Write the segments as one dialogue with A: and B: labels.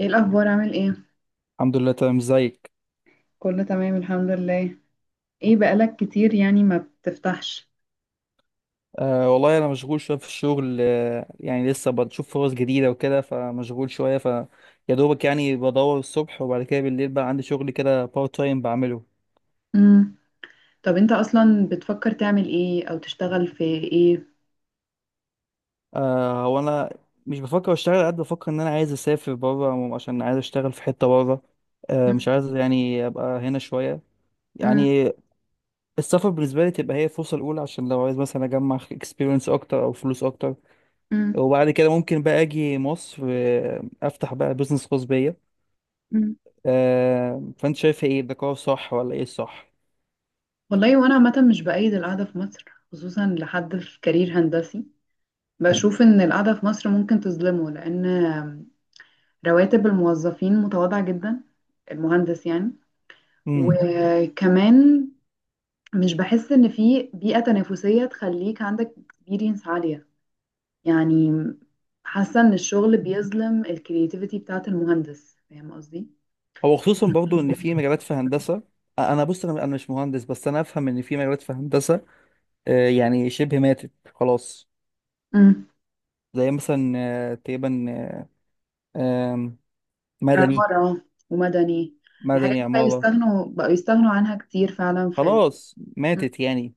A: ايه الاخبار، عامل ايه؟
B: الحمد لله، تمام. ازيك؟
A: كله تمام، الحمد لله. ايه، بقالك كتير يعني ما بتفتحش؟
B: أه والله، انا مشغول شويه في الشغل. يعني لسه بشوف فرص جديده وكده، فمشغول شويه يا دوبك يعني. بدور الصبح وبعد كده بالليل بقى عندي شغل كده بارت تايم بعمله.
A: امم. طب انت اصلا بتفكر تعمل ايه، او تشتغل في ايه؟
B: أه وانا مش بفكر اشتغل قد بفكر ان انا عايز اسافر بره، عشان عايز اشتغل في حته بره. أه مش
A: مم.
B: عايز يعني ابقى هنا شويه
A: مم.
B: يعني. السفر بالنسبه لي تبقى هي الفرصه الاولى، عشان لو عايز مثلا اجمع اكسبيرينس اكتر او فلوس اكتر.
A: مم.
B: وبعد كده ممكن بقى اجي مصر، افتح بقى بزنس خاص بيا.
A: مم.
B: فانت شايف ايه؟ ده قرار صح ولا ايه الصح؟
A: والله وانا عامه مش بأيد القعده في مصر، خصوصا لحد في كارير هندسي. بشوف ان القعده في مصر ممكن تظلمه، لان رواتب الموظفين متواضعه جدا، المهندس يعني.
B: امم
A: وكمان مش بحس ان في بيئه تنافسيه تخليك عندك اكسبيرينس عاليه، يعني حاسة ان الشغل بيظلم الكرياتيفيتي بتاعت المهندس. فاهم قصدي؟
B: هو خصوصا برضو ان في مجالات في هندسه انا بص، أنا مش مهندس بس انا افهم ان في مجالات في هندسه يعني شبه ماتت خلاص.
A: امم.
B: زي مثلا تقريبا آه، آم، مدني.
A: عمارة ومدني. الحاجات
B: مدني،
A: دي بقى
B: عماره.
A: يستغنوا بقوا يستغنوا عنها كتير فعلا في ال.
B: خلاص
A: مم.
B: ماتت يعني.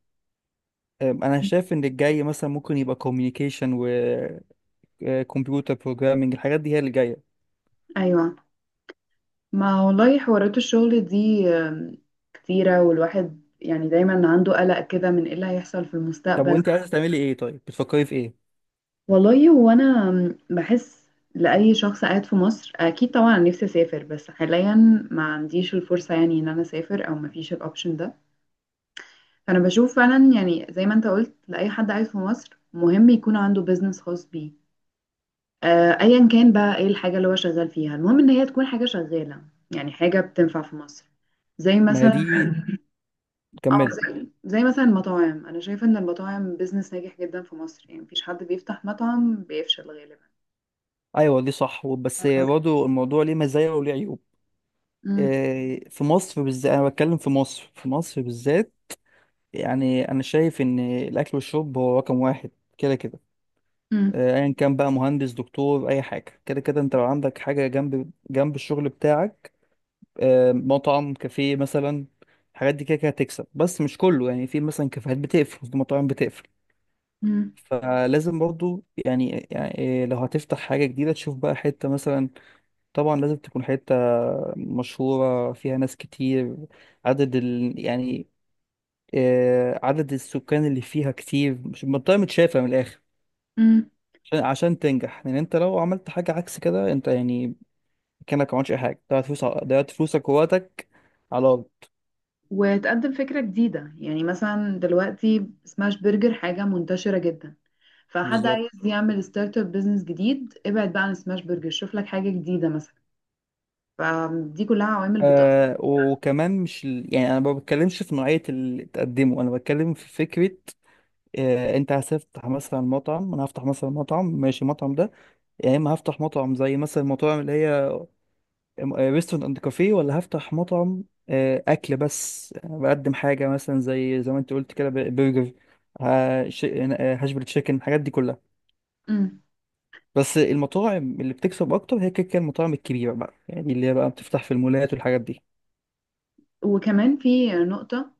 B: انا شايف ان الجاي مثلا ممكن يبقى كوميونيكيشن وكمبيوتر بروجرامنج. الحاجات دي هي اللي جايه.
A: ايوه، ما والله حوارات الشغل دي كتيرة، والواحد يعني دايما عنده قلق كده من ايه اللي هيحصل في
B: طب
A: المستقبل.
B: وانت عايزه تعملي ايه؟ طيب بتفكري في ايه؟
A: والله هو انا بحس، لأي شخص قاعد في مصر اكيد طبعا نفسي اسافر، بس حاليا ما عنديش الفرصة يعني ان انا اسافر، او ما فيش الاوبشن ده. فانا بشوف فعلا يعني زي ما انت قلت، لاي حد عايش في مصر مهم يكون عنده بيزنس خاص بيه. ايا كان بقى ايه الحاجه اللي هو شغال فيها، المهم ان هي تكون حاجه شغاله، يعني حاجه بتنفع في مصر. زي
B: ما هي
A: مثلا
B: دي،
A: اه
B: كملي.
A: زي زي مثلا المطاعم، انا شايفه ان المطاعم بيزنس ناجح جدا في مصر، يعني مفيش حد بيفتح مطعم بيفشل غالبا.
B: ايوه دي صح، بس برضه الموضوع ليه مزايا وليه عيوب.
A: مم.
B: في مصر بالذات، انا بتكلم في مصر بالذات يعني. انا شايف ان الاكل والشرب هو رقم واحد كده كده.
A: مم.
B: ايا كان بقى، مهندس دكتور اي حاجه، كده كده انت لو عندك حاجه جنب جنب الشغل بتاعك، مطعم كافيه مثلا، الحاجات دي كده كده هتكسب. بس مش كله، يعني في مثلا كافيهات بتقفل، في مطاعم بتقفل.
A: مم.
B: فلازم برضه يعني إيه، لو هتفتح حاجه جديده تشوف بقى حته مثلا. طبعا لازم تكون حتة مشهورة، فيها ناس كتير، عدد يعني عدد السكان اللي فيها كتير، مش منطقة متشافة من الآخر،
A: مم.
B: عشان تنجح. لأن أنت لو عملت حاجة عكس كده، أنت يعني كأنك ما عملتش أي حاجة، ضيعت فلوس ضيعت فلوسك ووقتك على الأرض.
A: وتقدم فكره جديده، يعني مثلا دلوقتي سماش برجر حاجه منتشره جدا، فحد
B: بالظبط.
A: عايز يعمل ستارت اب بزنس جديد ابعد بقى عن سماش برجر، شوف لك حاجة جديدة مثلا. فدي كلها عوامل بتأثر.
B: آه، وكمان مش يعني أنا ما بتكلمش في نوعية اللي تقدمه، أنا بتكلم في فكرة. انت هتفتح مثلا مطعم، انا هفتح مثلا مطعم، ماشي. المطعم ده يا اما هفتح مطعم زي مثلا المطاعم اللي هي ريستورانت اند كافيه، ولا هفتح مطعم اكل بس. أنا بقدم حاجه مثلا زي زي ما انت قلت كده، برجر، هاش بري تشيكن، الحاجات دي كلها.
A: امم.
B: بس المطاعم اللي بتكسب اكتر هي كده كده المطاعم الكبيره بقى، يعني اللي هي بقى بتفتح في المولات والحاجات دي.
A: وكمان في نقطة،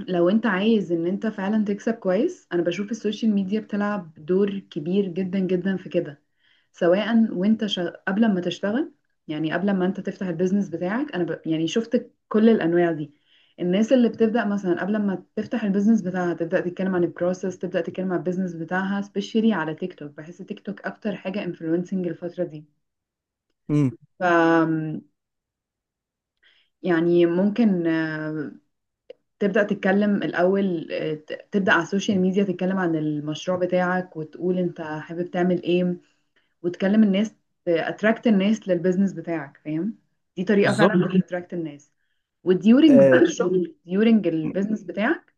A: لو انت عايز ان انت فعلا تكسب كويس، انا بشوف السوشيال ميديا بتلعب دور كبير جدا جدا في كده. سواء وانت قبل ما تشتغل، يعني قبل ما انت تفتح البيزنس بتاعك، انا يعني شفت كل الانواع دي. الناس اللي بتبدا مثلا قبل ما تفتح البيزنس بتاعها تبدا تتكلم عن البروسيس، تبدا تتكلم عن البيزنس بتاعها، سبيشالي على تيك توك. بحس تيك توك اكتر حاجه انفلونسنج الفتره دي.
B: امم.
A: ف يعني ممكن تبدأ تتكلم الأول، تبدأ على السوشيال ميديا تتكلم عن المشروع بتاعك وتقول أنت حابب تعمل إيه، وتكلم الناس، اتراكت الناس للبيزنس بتاعك، فاهم؟ دي طريقه
B: بالظبط.
A: فعلا بتتراكت الناس. وديورنج بقى
B: آه،
A: الشغل، ديورنج البيزنس بتاعك،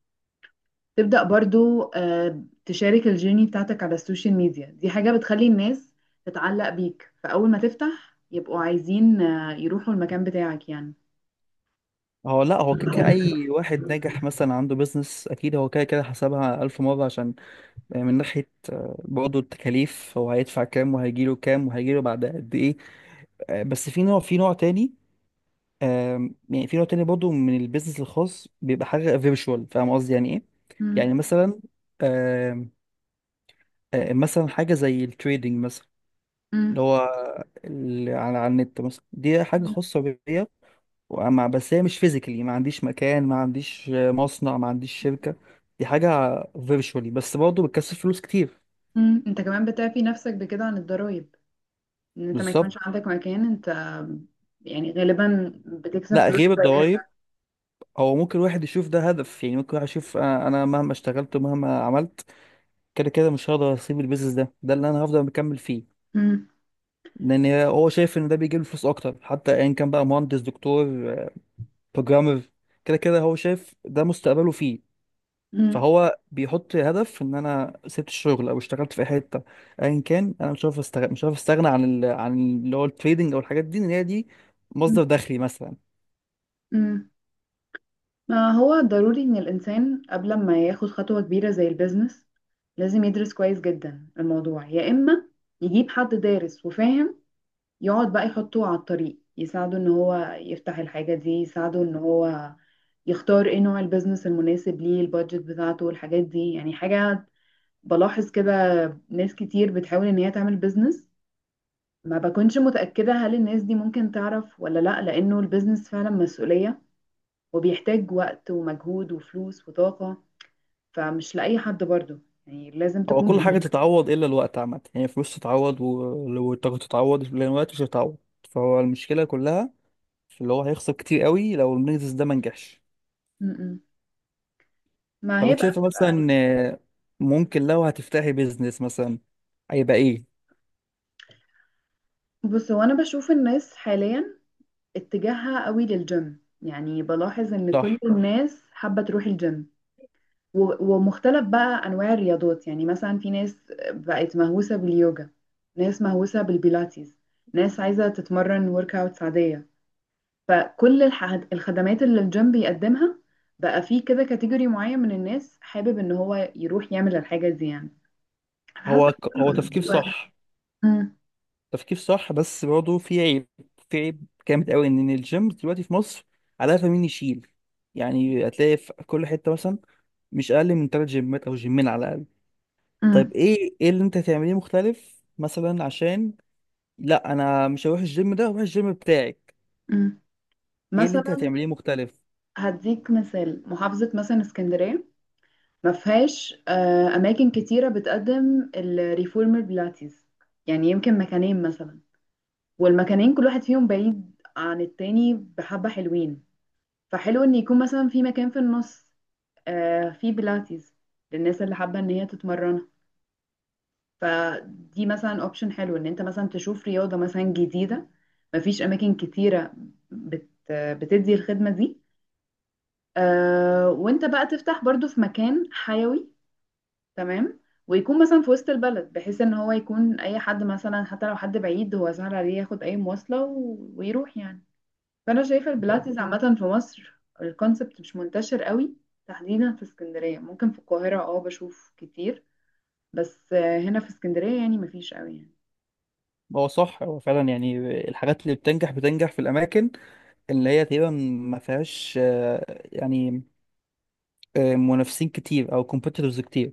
A: تبدا برضو تشارك الجيرني بتاعتك على السوشيال ميديا. دي حاجه بتخلي الناس تتعلق بيك، فاول ما تفتح يبقوا عايزين يروحوا المكان بتاعك يعني.
B: هو لا، هو كده كده اي واحد ناجح مثلا عنده بيزنس، اكيد هو كده كده حسبها الف مره، عشان من ناحيه برضه التكاليف، هو هيدفع كام وهيجيله كام وهيجيله بعد قد ايه. بس في نوع، في نوع تاني، يعني في نوع تاني برضه من البيزنس الخاص، بيبقى حاجة فيرتشوال. فاهم قصدي يعني ايه؟
A: مم.
B: يعني مثلا، آم، آه، مثلا حاجة زي التريدنج مثلا، اللي
A: مم.
B: هو على النت مثلا، دي حاجة خاصة بيا. ومع، بس هي مش فيزيكالي، ما عنديش مكان، ما عنديش مصنع، ما عنديش شركة. دي حاجة فيرتشوالي، بس برضه بتكسب فلوس كتير.
A: مم. انت كمان بتعفي نفسك بكده عن الضرايب، ان انت ما يكونش
B: بالظبط.
A: عندك مكان. انت يعني غالبا بتكسب
B: لا
A: فلوس
B: غير الضرايب،
A: كويسة.
B: هو ممكن واحد يشوف ده هدف. يعني ممكن واحد يشوف انا مهما اشتغلت ومهما عملت، كده كده مش هقدر اسيب البيزنس ده. ده اللي انا هفضل مكمل فيه،
A: مم.
B: لان هو شايف ان ده بيجيب له فلوس اكتر. حتى ايا كان بقى، مهندس دكتور بروجرامر، كده كده هو شايف ده مستقبله فيه.
A: مم.
B: فهو بيحط هدف ان انا سبت الشغل او اشتغلت في أي حته، ايا كان انا مش عارف استغنى، مش عارف استغنى عن عن اللي هو التريدنج او الحاجات دي، ان هي دي مصدر دخلي مثلا.
A: أمم. ما هو ضروري إن الإنسان قبل ما ياخد خطوة كبيرة زي البيزنس، لازم يدرس كويس جدا الموضوع، يا إما يجيب حد دارس وفاهم يقعد بقى يحطه على الطريق، يساعده إن هو يفتح الحاجة دي، يساعده إن هو يختار إيه نوع البيزنس المناسب ليه، البادجت بتاعته والحاجات دي. يعني حاجة بلاحظ كده، ناس كتير بتحاول إن هي تعمل بيزنس، ما بكونش متأكدة هل الناس دي ممكن تعرف ولا لأ، لأنه البيزنس فعلا مسؤولية وبيحتاج وقت ومجهود وفلوس وطاقة. فمش لأي حد برضو، يعني لازم
B: او
A: تكون
B: كل حاجه تتعوض الا الوقت عامه، يعني فلوس تتعوض والطاقه تتعوض، لان الوقت مش هيتعوض. فهو المشكله كلها اللي هو هيخسر كتير قوي لو البيزنس ده ما نجحش.
A: م-م. ما
B: طب
A: هي
B: انت
A: بقى
B: شايفه
A: بتبقى عارف.
B: مثلا ممكن لو هتفتحي بيزنس مثلا هيبقى ايه؟
A: بص، هو أنا بشوف الناس حاليا اتجاهها قوي للجيم، يعني بلاحظ إن
B: صح.
A: كل الناس حابة تروح الجيم، ومختلف بقى أنواع الرياضات. يعني مثلا في ناس بقت مهووسة باليوجا، ناس مهووسة بالبيلاتيز، ناس عايزة تتمرن ورك أوتس عادية، فكل الح- الخدمات اللي الجيم بيقدمها. بقى فيه كده كاتيجوري معين من الناس حابب ان هو يروح يعمل الحاجة دي، يعني حاسة.
B: هو هو تفكير صح.
A: مم.
B: تفكير صح، بس برضه في عيب، في عيب جامد قوي. ان الجيم دلوقتي في مصر على قفا مين يشيل، يعني هتلاقي في كل حته مثلا مش اقل من تلات جيمات او جيمين على الاقل. طيب
A: مم.
B: ايه، ايه اللي انت هتعمليه مختلف مثلا، عشان لا، انا مش هروح الجيم ده، هروح الجيم بتاعك.
A: مم.
B: ايه اللي انت
A: مثلا
B: هتعمليه مختلف؟
A: هديك مثال، محافظة مثلا اسكندرية ما فيهاش أماكن كتيرة بتقدم الريفورمر بلاتيز، يعني يمكن مكانين مثلا، والمكانين كل واحد فيهم بعيد عن التاني بحبة حلوين. فحلو إن يكون مثلا في مكان في النص في بيلاتيز للناس اللي حابة ان هي تتمرنها. فدي مثلا اوبشن حلو، ان انت مثلا تشوف رياضة مثلا جديدة مفيش اماكن كتيرة بتدي الخدمة دي، وانت بقى تفتح برضو في مكان حيوي، تمام، ويكون مثلا في وسط البلد، بحيث ان هو يكون اي حد مثلا، حتى لو حد بعيد هو سهل عليه ياخد اي مواصلة ويروح يعني. فانا شايفة البيلاتيز عامة في مصر، الكونسبت مش منتشر قوي، تحديدا في اسكندرية. ممكن في القاهرة بشوف كتير، بس هنا في اسكندرية يعني مفيش قوي يعني.
B: هو صح، هو فعلا يعني الحاجات اللي بتنجح بتنجح في الاماكن اللي هي تقريبا ما فيهاش يعني منافسين كتير او كومبيتيتورز كتير.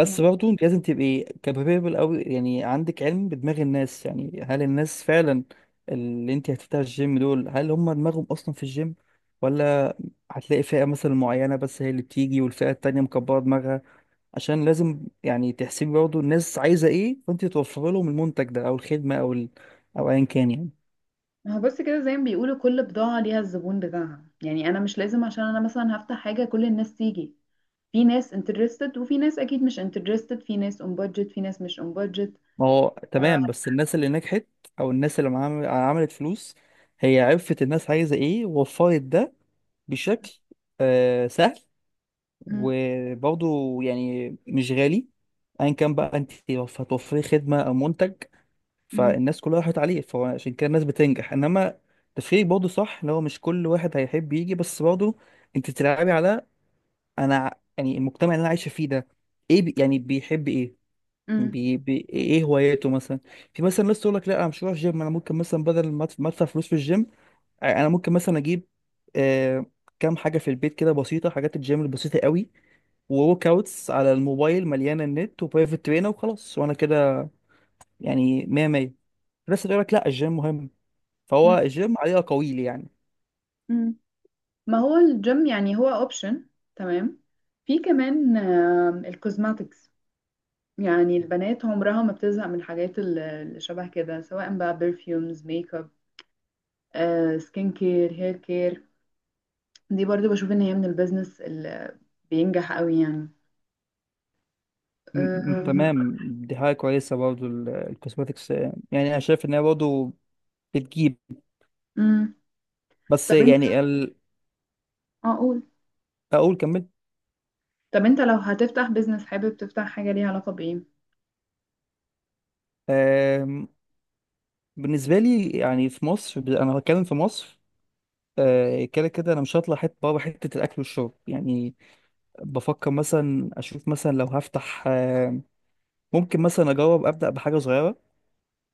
A: مم.
B: برضه انت لازم تبقي كابابل قوي، يعني عندك علم بدماغ الناس. يعني هل الناس فعلا اللي انت هتفتح الجيم دول، هل هم دماغهم اصلا في الجيم؟ ولا هتلاقي فئة مثلا معينة بس هي اللي بتيجي، والفئة التانية مكبرة دماغها. عشان لازم يعني تحسبي برضه الناس عايزة ايه، فانت توفر لهم المنتج ده او الخدمة او او ايا كان يعني.
A: ما هو بص كده، زي ما بيقولوا كل بضاعة ليها الزبون بتاعها. يعني أنا مش لازم عشان أنا مثلا هفتح حاجة كل الناس تيجي، في ناس interested وفي ناس أكيد مش interested، في ناس on budget في ناس مش on budget.
B: ما هو
A: ف...
B: تمام، بس الناس اللي نجحت او الناس اللي عملت فلوس، هي عرفت الناس عايزة ايه ووفرت ده بشكل آه سهل
A: م-
B: وبرضه يعني مش غالي. ايا كان بقى، انت هتوفري خدمة او منتج،
A: م-
B: فالناس كلها راحت عليه. فعشان كده الناس بتنجح. انما تفكيرك برضه صح اللي هو مش كل واحد هيحب يجي، بس برضه انت بتلعبي على، انا يعني المجتمع اللي انا عايشة فيه ده ايه بي، يعني بيحب ايه؟
A: م-
B: بي ايه هواياته مثلا؟ في مثلا ناس تقول لك لا، انا مش هروح جيم، انا ممكن مثلا بدل ما ما ادفع فلوس في الجيم، انا ممكن مثلا اجيب آه كام حاجه في البيت كده بسيطه، حاجات الجيم البسيطه قوي، وورك اوتس على الموبايل مليانه النت، وبرايفت ترينر، وخلاص وانا كده يعني 100 100. بس تقول لك لا، الجيم مهم.
A: م-
B: فهو الجيم عليه اقاويل يعني.
A: م. ما هو الجيم يعني هو option، تمام. في كمان الكوزماتكس، يعني البنات عمرها ما بتزهق من الحاجات اللي شبه كده، سواء بقى perfumes، makeup، سكين كير، هير كير. دي برضو بشوف ان هي من البيزنس اللي بينجح قوي يعني. آه،
B: تمام، دي حاجه كويسه برضه الكوسماتكس. يعني انا شايف ان هي برضه بتجيب،
A: مم.
B: بس
A: طب انت
B: يعني
A: اقول
B: اقول كمل.
A: طب انت لو هتفتح بيزنس حابب تفتح حاجة ليها علاقة بايه؟
B: بالنسبة لي يعني في مصر، أنا هتكلم في مصر. كده كده أنا مش هطلع حتة بره، حتة الأكل والشرب يعني. بفكر مثلا أشوف مثلا لو هفتح ممكن مثلا أجرب أبدأ بحاجة صغيرة،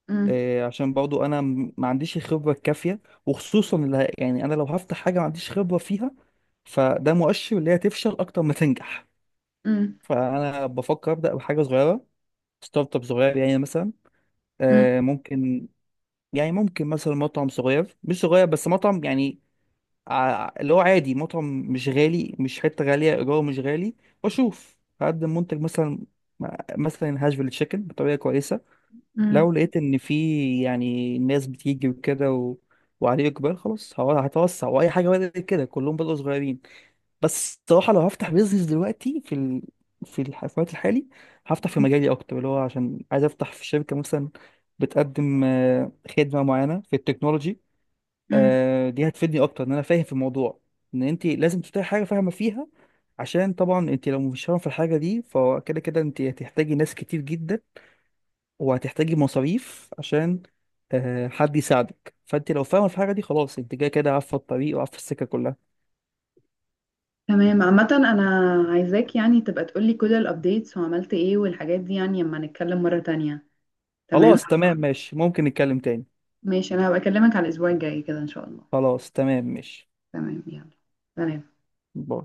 A: مم.
B: عشان برضو أنا ما عنديش الخبرة الكافية. وخصوصا اللي يعني أنا لو هفتح حاجة ما عنديش خبرة فيها، فده مؤشر اللي هي تفشل أكتر ما تنجح.
A: مم.
B: فأنا بفكر أبدأ بحاجة صغيرة، ستارت اب صغير، يعني مثلا
A: مم.
B: ممكن يعني ممكن مثلا مطعم صغير، مش صغير بس مطعم يعني اللي هو عادي، مطعم مش غالي، مش حتة غالية إيجاره مش غالي. وأشوف هقدم منتج مثلا، مثلا هاشفيل تشيكن بطريقة كويسة.
A: مم.
B: لو لقيت إن في يعني ناس بتيجي وكده وعليه إقبال، خلاص هو هتوسع. وأي حاجة بدأت كده، كلهم بدأوا صغيرين. بس الصراحة لو هفتح بيزنس دلوقتي في في الوقت الحالي، هفتح في مجالي أكتر، اللي هو عشان عايز أفتح في شركة مثلا بتقدم خدمة معينة في التكنولوجي.
A: مم.
B: دي هتفيدني اكتر ان انا فاهم في الموضوع. ان انت لازم تفتحي حاجه فاهمه فيها، عشان طبعا انت لو مش فاهمه في الحاجه دي فكده كده انت هتحتاجي ناس كتير جدا، وهتحتاجي مصاريف عشان حد يساعدك. فانت لو فاهمه في الحاجه دي، خلاص، انت كده كده عارفه الطريق وعارفه السكه كلها.
A: تمام، عامة انا عايزاك يعني تبقى تقولي كل الابديتس وعملت ايه والحاجات دي، يعني لما نتكلم مرة تانية. تمام،
B: خلاص تمام، ماشي. ممكن نتكلم تاني.
A: ماشي، انا هبقى اكلمك على الاسبوع الجاي كده ان شاء الله.
B: خلاص تمام، ماشي.
A: تمام، يلا، سلام.
B: باي.